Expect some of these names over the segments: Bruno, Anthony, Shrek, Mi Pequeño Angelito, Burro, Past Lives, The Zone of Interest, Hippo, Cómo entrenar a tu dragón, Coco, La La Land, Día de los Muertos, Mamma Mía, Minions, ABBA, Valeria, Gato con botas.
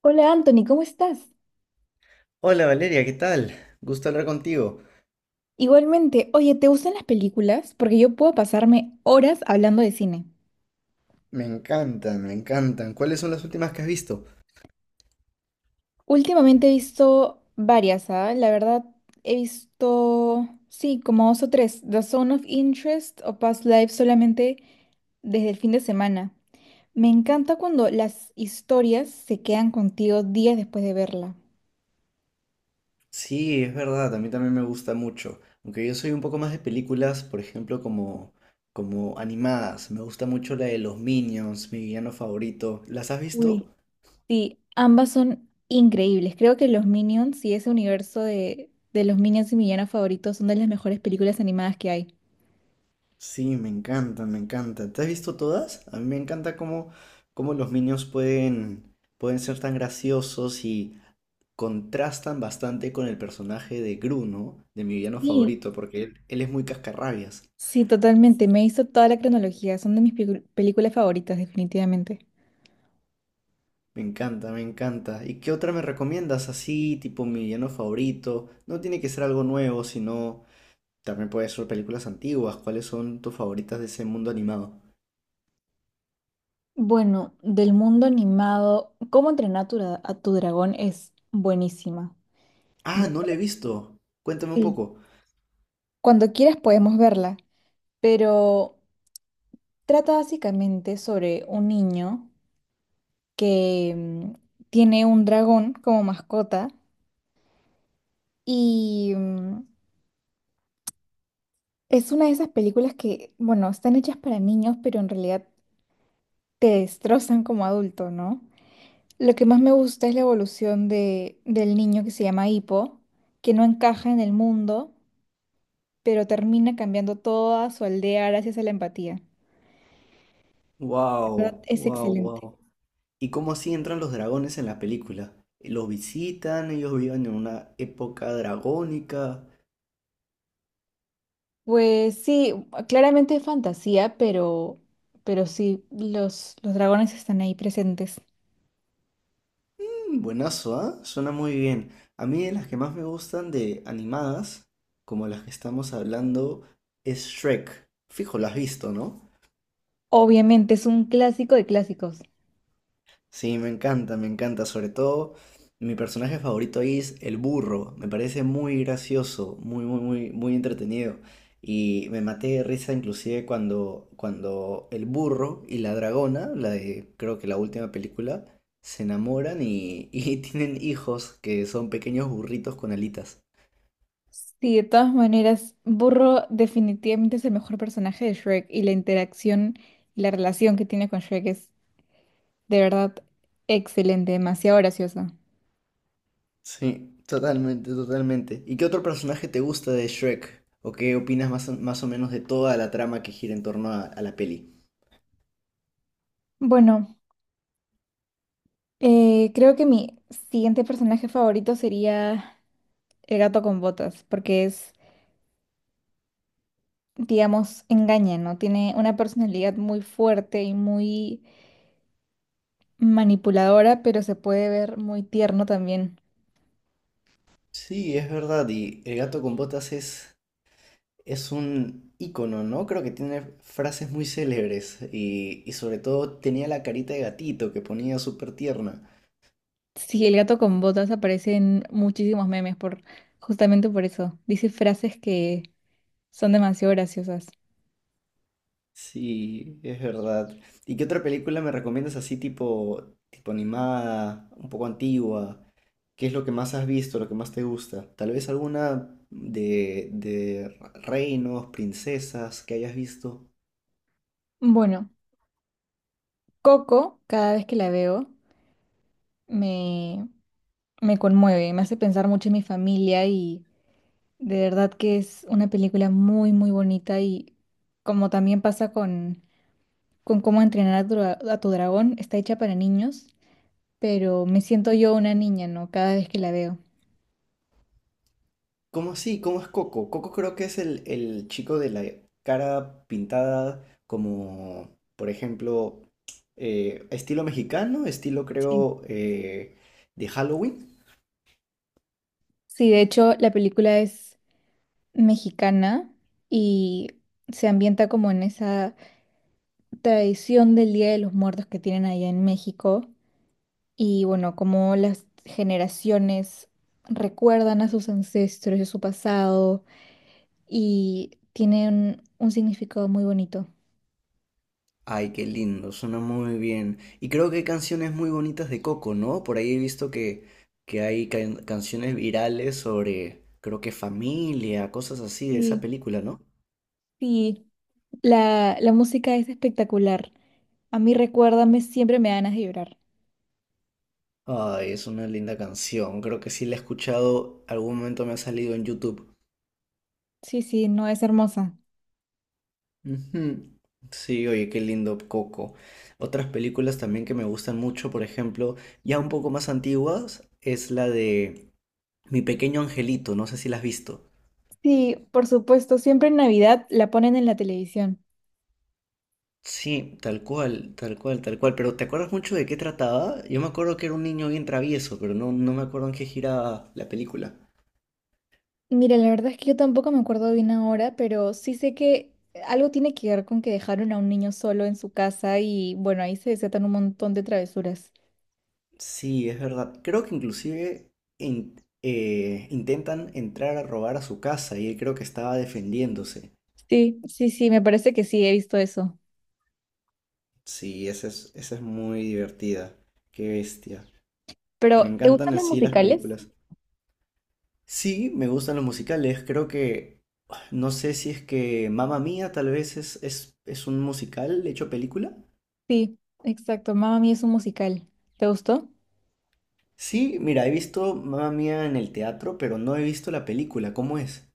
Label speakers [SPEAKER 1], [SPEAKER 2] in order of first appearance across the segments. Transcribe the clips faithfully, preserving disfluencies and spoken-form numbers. [SPEAKER 1] Hola Anthony, ¿cómo estás?
[SPEAKER 2] Hola Valeria, ¿qué tal? Gusto hablar contigo.
[SPEAKER 1] Igualmente, oye, ¿te gustan las películas? Porque yo puedo pasarme horas hablando de cine.
[SPEAKER 2] Me encantan, me encantan. ¿Cuáles son las últimas que has visto?
[SPEAKER 1] Últimamente he visto varias, ¿ah? La verdad, he visto, sí, como dos o tres, The Zone of Interest o Past Lives solamente desde el fin de semana. Me encanta cuando las historias se quedan contigo días después de verla.
[SPEAKER 2] Sí, es verdad, a mí también me gusta mucho. Aunque yo soy un poco más de películas, por ejemplo, como, como animadas. Me gusta mucho la de los Minions, mi villano favorito. ¿Las has visto?
[SPEAKER 1] Sí, ambas son increíbles. Creo que los Minions y ese universo de, de los Minions y mi villano favorito son de las mejores películas animadas que hay.
[SPEAKER 2] Sí, me encantan, me encantan. ¿Te has visto todas? A mí me encanta cómo, cómo los Minions pueden, pueden ser tan graciosos y contrastan bastante con el personaje de Bruno, de mi villano
[SPEAKER 1] Sí,
[SPEAKER 2] favorito, porque él, él es muy cascarrabias.
[SPEAKER 1] sí, totalmente. Me hizo toda la cronología. Son de mis picu- películas favoritas, definitivamente.
[SPEAKER 2] Me encanta, me encanta. ¿Y qué otra me recomiendas así, tipo mi villano favorito? No tiene que ser algo nuevo, sino también puede ser películas antiguas. ¿Cuáles son tus favoritas de ese mundo animado?
[SPEAKER 1] Bueno, del mundo animado, ¿cómo entrenar a tu dra- a tu dragón? Es buenísima.
[SPEAKER 2] Ah,
[SPEAKER 1] Bu-
[SPEAKER 2] no le he visto. Cuéntame un
[SPEAKER 1] Sí.
[SPEAKER 2] poco.
[SPEAKER 1] Cuando quieras podemos verla, pero trata básicamente sobre un niño que mm, tiene un dragón como mascota. Y mm, es una de esas películas que, bueno, están hechas para niños, pero en realidad te destrozan como adulto, ¿no? Lo que más me gusta es la evolución de, del niño que se llama Hippo, que no encaja en el mundo, pero termina cambiando toda su aldea gracias a la empatía. De verdad,
[SPEAKER 2] Wow,
[SPEAKER 1] es
[SPEAKER 2] wow,
[SPEAKER 1] excelente.
[SPEAKER 2] wow. ¿Y cómo así entran los dragones en la película? ¿Los visitan? ¿Ellos viven en una época dragónica?
[SPEAKER 1] Pues sí, claramente es fantasía, pero, pero sí, los, los dragones están ahí presentes.
[SPEAKER 2] Buenazo, ¿ah? Suena muy bien. A mí de las que más me gustan de animadas, como las que estamos hablando, es Shrek. Fijo, lo has visto, ¿no?
[SPEAKER 1] Obviamente es un clásico de clásicos.
[SPEAKER 2] Sí, me encanta, me encanta. Sobre todo, mi personaje favorito ahí es el burro. Me parece muy gracioso, muy, muy, muy, muy entretenido. Y me maté de risa inclusive cuando, cuando el burro y la dragona, la de creo que la última película, se enamoran y, y tienen hijos que son pequeños burritos con alitas.
[SPEAKER 1] Sí, de todas maneras, Burro definitivamente es el mejor personaje de Shrek y la interacción y la relación que tiene con Shrek es de verdad excelente, demasiado graciosa.
[SPEAKER 2] Sí, totalmente, totalmente. ¿Y qué otro personaje te gusta de Shrek? ¿O qué opinas más o, más o menos de toda la trama que gira en torno a, a la peli?
[SPEAKER 1] Bueno, eh, creo que mi siguiente personaje favorito sería el gato con botas, porque es, digamos, engaña, ¿no? Tiene una personalidad muy fuerte y muy manipuladora, pero se puede ver muy tierno también.
[SPEAKER 2] Sí, es verdad, y el gato con botas es, es un ícono, ¿no? Creo que tiene frases muy célebres y, y sobre todo tenía la carita de gatito que ponía súper tierna.
[SPEAKER 1] Sí, el gato con botas aparece en muchísimos memes por justamente por eso. Dice frases que son demasiado graciosas.
[SPEAKER 2] Sí, es verdad. ¿Y qué otra película me recomiendas así tipo, tipo animada, un poco antigua? ¿Qué es lo que más has visto, lo que más te gusta? Tal vez alguna de, de reinos, princesas que hayas visto.
[SPEAKER 1] Bueno, Coco, cada vez que la veo, me, me conmueve, me hace pensar mucho en mi familia y de verdad que es una película muy, muy bonita y como también pasa con, con cómo entrenar a tu dra- a tu dragón, está hecha para niños, pero me siento yo una niña, ¿no? Cada vez que la veo.
[SPEAKER 2] ¿Cómo así? ¿Cómo es Coco? Coco creo que es el, el chico de la cara pintada como, por ejemplo, eh, estilo mexicano, estilo
[SPEAKER 1] Sí.
[SPEAKER 2] creo eh, de Halloween.
[SPEAKER 1] Sí, de hecho, la película es mexicana y se ambienta como en esa tradición del Día de los Muertos que tienen allá en México y bueno, como las generaciones recuerdan a sus ancestros y a su pasado y tienen un significado muy bonito.
[SPEAKER 2] Ay, qué lindo, suena muy bien. Y creo que hay canciones muy bonitas de Coco, ¿no? Por ahí he visto que, que hay can- canciones virales sobre, creo que familia, cosas así de esa
[SPEAKER 1] Sí,
[SPEAKER 2] película, ¿no?
[SPEAKER 1] sí. La, la música es espectacular. A mí recuérdame, siempre me dan ganas de llorar.
[SPEAKER 2] Ay, es una linda canción. Creo que sí la he escuchado, algún momento me ha salido en YouTube.
[SPEAKER 1] Sí, sí, no es hermosa.
[SPEAKER 2] Ujú. Sí, oye, qué lindo Coco. Otras películas también que me gustan mucho, por ejemplo, ya un poco más antiguas, es la de Mi Pequeño Angelito, no sé si la has visto.
[SPEAKER 1] Sí, por supuesto, siempre en Navidad la ponen en la televisión.
[SPEAKER 2] Sí, tal cual, tal cual, tal cual. Pero ¿te acuerdas mucho de qué trataba? Yo me acuerdo que era un niño bien travieso, pero no, no me acuerdo en qué giraba la película.
[SPEAKER 1] Mira, la verdad es que yo tampoco me acuerdo bien ahora, pero sí sé que algo tiene que ver con que dejaron a un niño solo en su casa y bueno, ahí se desatan un montón de travesuras.
[SPEAKER 2] Sí, es verdad. Creo que inclusive in- eh, intentan entrar a robar a su casa y él creo que estaba defendiéndose.
[SPEAKER 1] Sí, sí, sí, me parece que sí, he visto eso.
[SPEAKER 2] Sí, esa es, esa es muy divertida. Qué bestia. Me
[SPEAKER 1] Pero ¿te gustan
[SPEAKER 2] encantan
[SPEAKER 1] los
[SPEAKER 2] así las
[SPEAKER 1] musicales?
[SPEAKER 2] películas. Sí, me gustan los musicales. Creo que, no sé si es que Mamma Mía tal vez es, es, es un musical hecho película.
[SPEAKER 1] Sí, exacto, Mamma Mía es un musical. ¿Te gustó?
[SPEAKER 2] Sí, mira, he visto Mamma Mía en el teatro, pero no he visto la película. ¿Cómo es?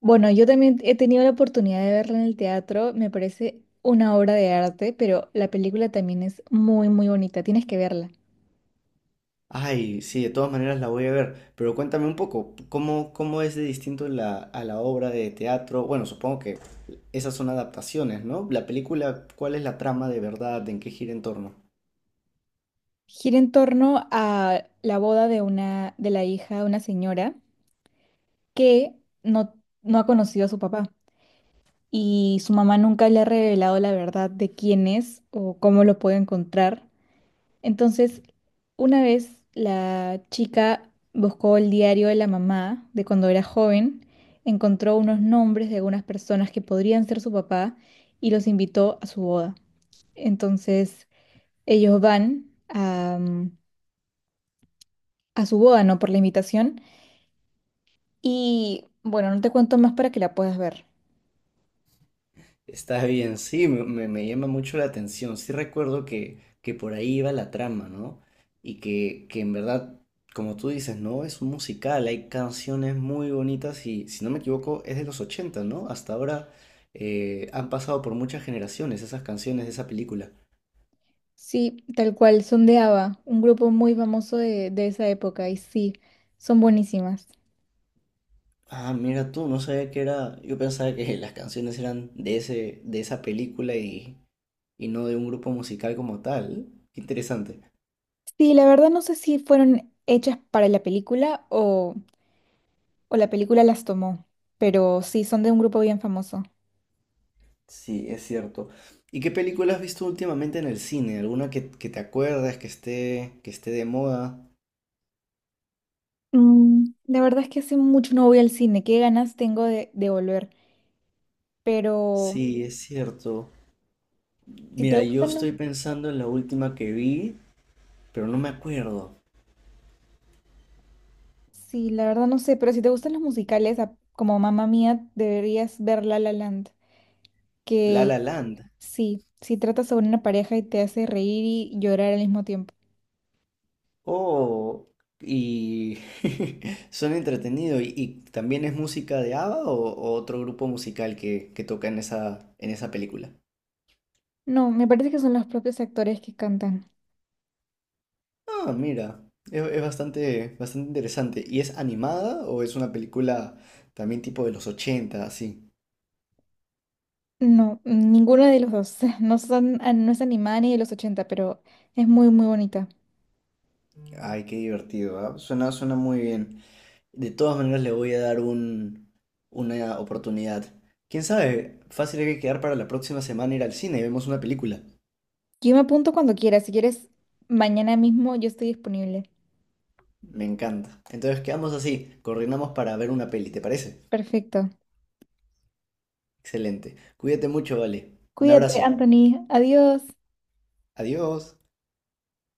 [SPEAKER 1] Bueno, yo también he tenido la oportunidad de verla en el teatro, me parece una obra de arte, pero la película también es muy, muy bonita, tienes que verla.
[SPEAKER 2] Ay, sí, de todas maneras la voy a ver. Pero cuéntame un poco, ¿cómo, cómo es de distinto la, a la obra de teatro? Bueno, supongo que esas son adaptaciones, ¿no? La película, ¿cuál es la trama de verdad? ¿En qué gira en torno?
[SPEAKER 1] Gira en torno a la boda de una, de la hija de una señora que no, no ha conocido a su papá y su mamá nunca le ha revelado la verdad de quién es o cómo lo puede encontrar. Entonces, una vez la chica buscó el diario de la mamá de cuando era joven, encontró unos nombres de algunas personas que podrían ser su papá y los invitó a su boda. Entonces, ellos van a mm, a su boda, no por la invitación. Y bueno, no te cuento más para que la puedas ver.
[SPEAKER 2] Está bien, sí, me, me- me llama mucho la atención. Sí recuerdo que, que por ahí iba la trama, ¿no? Y que, que en verdad, como tú dices, ¿no? Es un musical, hay canciones muy bonitas y, si no me equivoco, es de los ochenta, ¿no? Hasta ahora eh, han pasado por muchas generaciones esas canciones de esa película.
[SPEAKER 1] Sí, tal cual, son de ABBA, un grupo muy famoso de, de esa época, y sí, son buenísimas.
[SPEAKER 2] Ah, mira tú, no sabía que era. Yo pensaba que las canciones eran de ese, de esa película y, y no de un grupo musical como tal. Qué interesante.
[SPEAKER 1] Sí, la verdad no sé si fueron hechas para la película o, o la película las tomó, pero sí, son de un grupo bien famoso.
[SPEAKER 2] Sí, es cierto. ¿Y qué película has visto últimamente en el cine? ¿Alguna que, que te acuerdas que esté, que esté de moda?
[SPEAKER 1] Mm, la verdad es que hace mucho no voy al cine, qué ganas tengo de, de volver, pero
[SPEAKER 2] Sí, es cierto.
[SPEAKER 1] si te
[SPEAKER 2] Mira, yo
[SPEAKER 1] gustan... los-
[SPEAKER 2] estoy pensando en la última que vi, pero no me acuerdo.
[SPEAKER 1] Sí, la verdad no sé, pero si te gustan los musicales, a- como Mamá Mía, deberías ver La La Land,
[SPEAKER 2] La
[SPEAKER 1] que
[SPEAKER 2] La Land.
[SPEAKER 1] sí, sí trata sobre una pareja y te hace reír y llorar al mismo tiempo.
[SPEAKER 2] Oh, y suena entretenido. ¿Y, y también es música de ABBA o, o otro grupo musical que, que toca en esa, en esa película?
[SPEAKER 1] No, me parece que son los propios actores que cantan.
[SPEAKER 2] Ah, mira, es, es bastante, bastante interesante. ¿Y es animada o es una película también tipo de los ochenta así?
[SPEAKER 1] No, ninguno de los dos. No son, ah, no es animada ni de los ochenta, pero es muy, muy bonita.
[SPEAKER 2] Ay, qué divertido, ¿ah? Suena, suena muy bien. De todas maneras le voy a dar un, una oportunidad. ¿Quién sabe? Fácil hay que quedar para la próxima semana ir al cine y vemos una película.
[SPEAKER 1] Yo me apunto cuando quieras. Si quieres, mañana mismo yo estoy disponible.
[SPEAKER 2] Me encanta. Entonces quedamos así, coordinamos para ver una peli, ¿te parece?
[SPEAKER 1] Perfecto.
[SPEAKER 2] Excelente. Cuídate mucho, vale. Un
[SPEAKER 1] Cuídate,
[SPEAKER 2] abrazo.
[SPEAKER 1] Anthony. Adiós.
[SPEAKER 2] Adiós.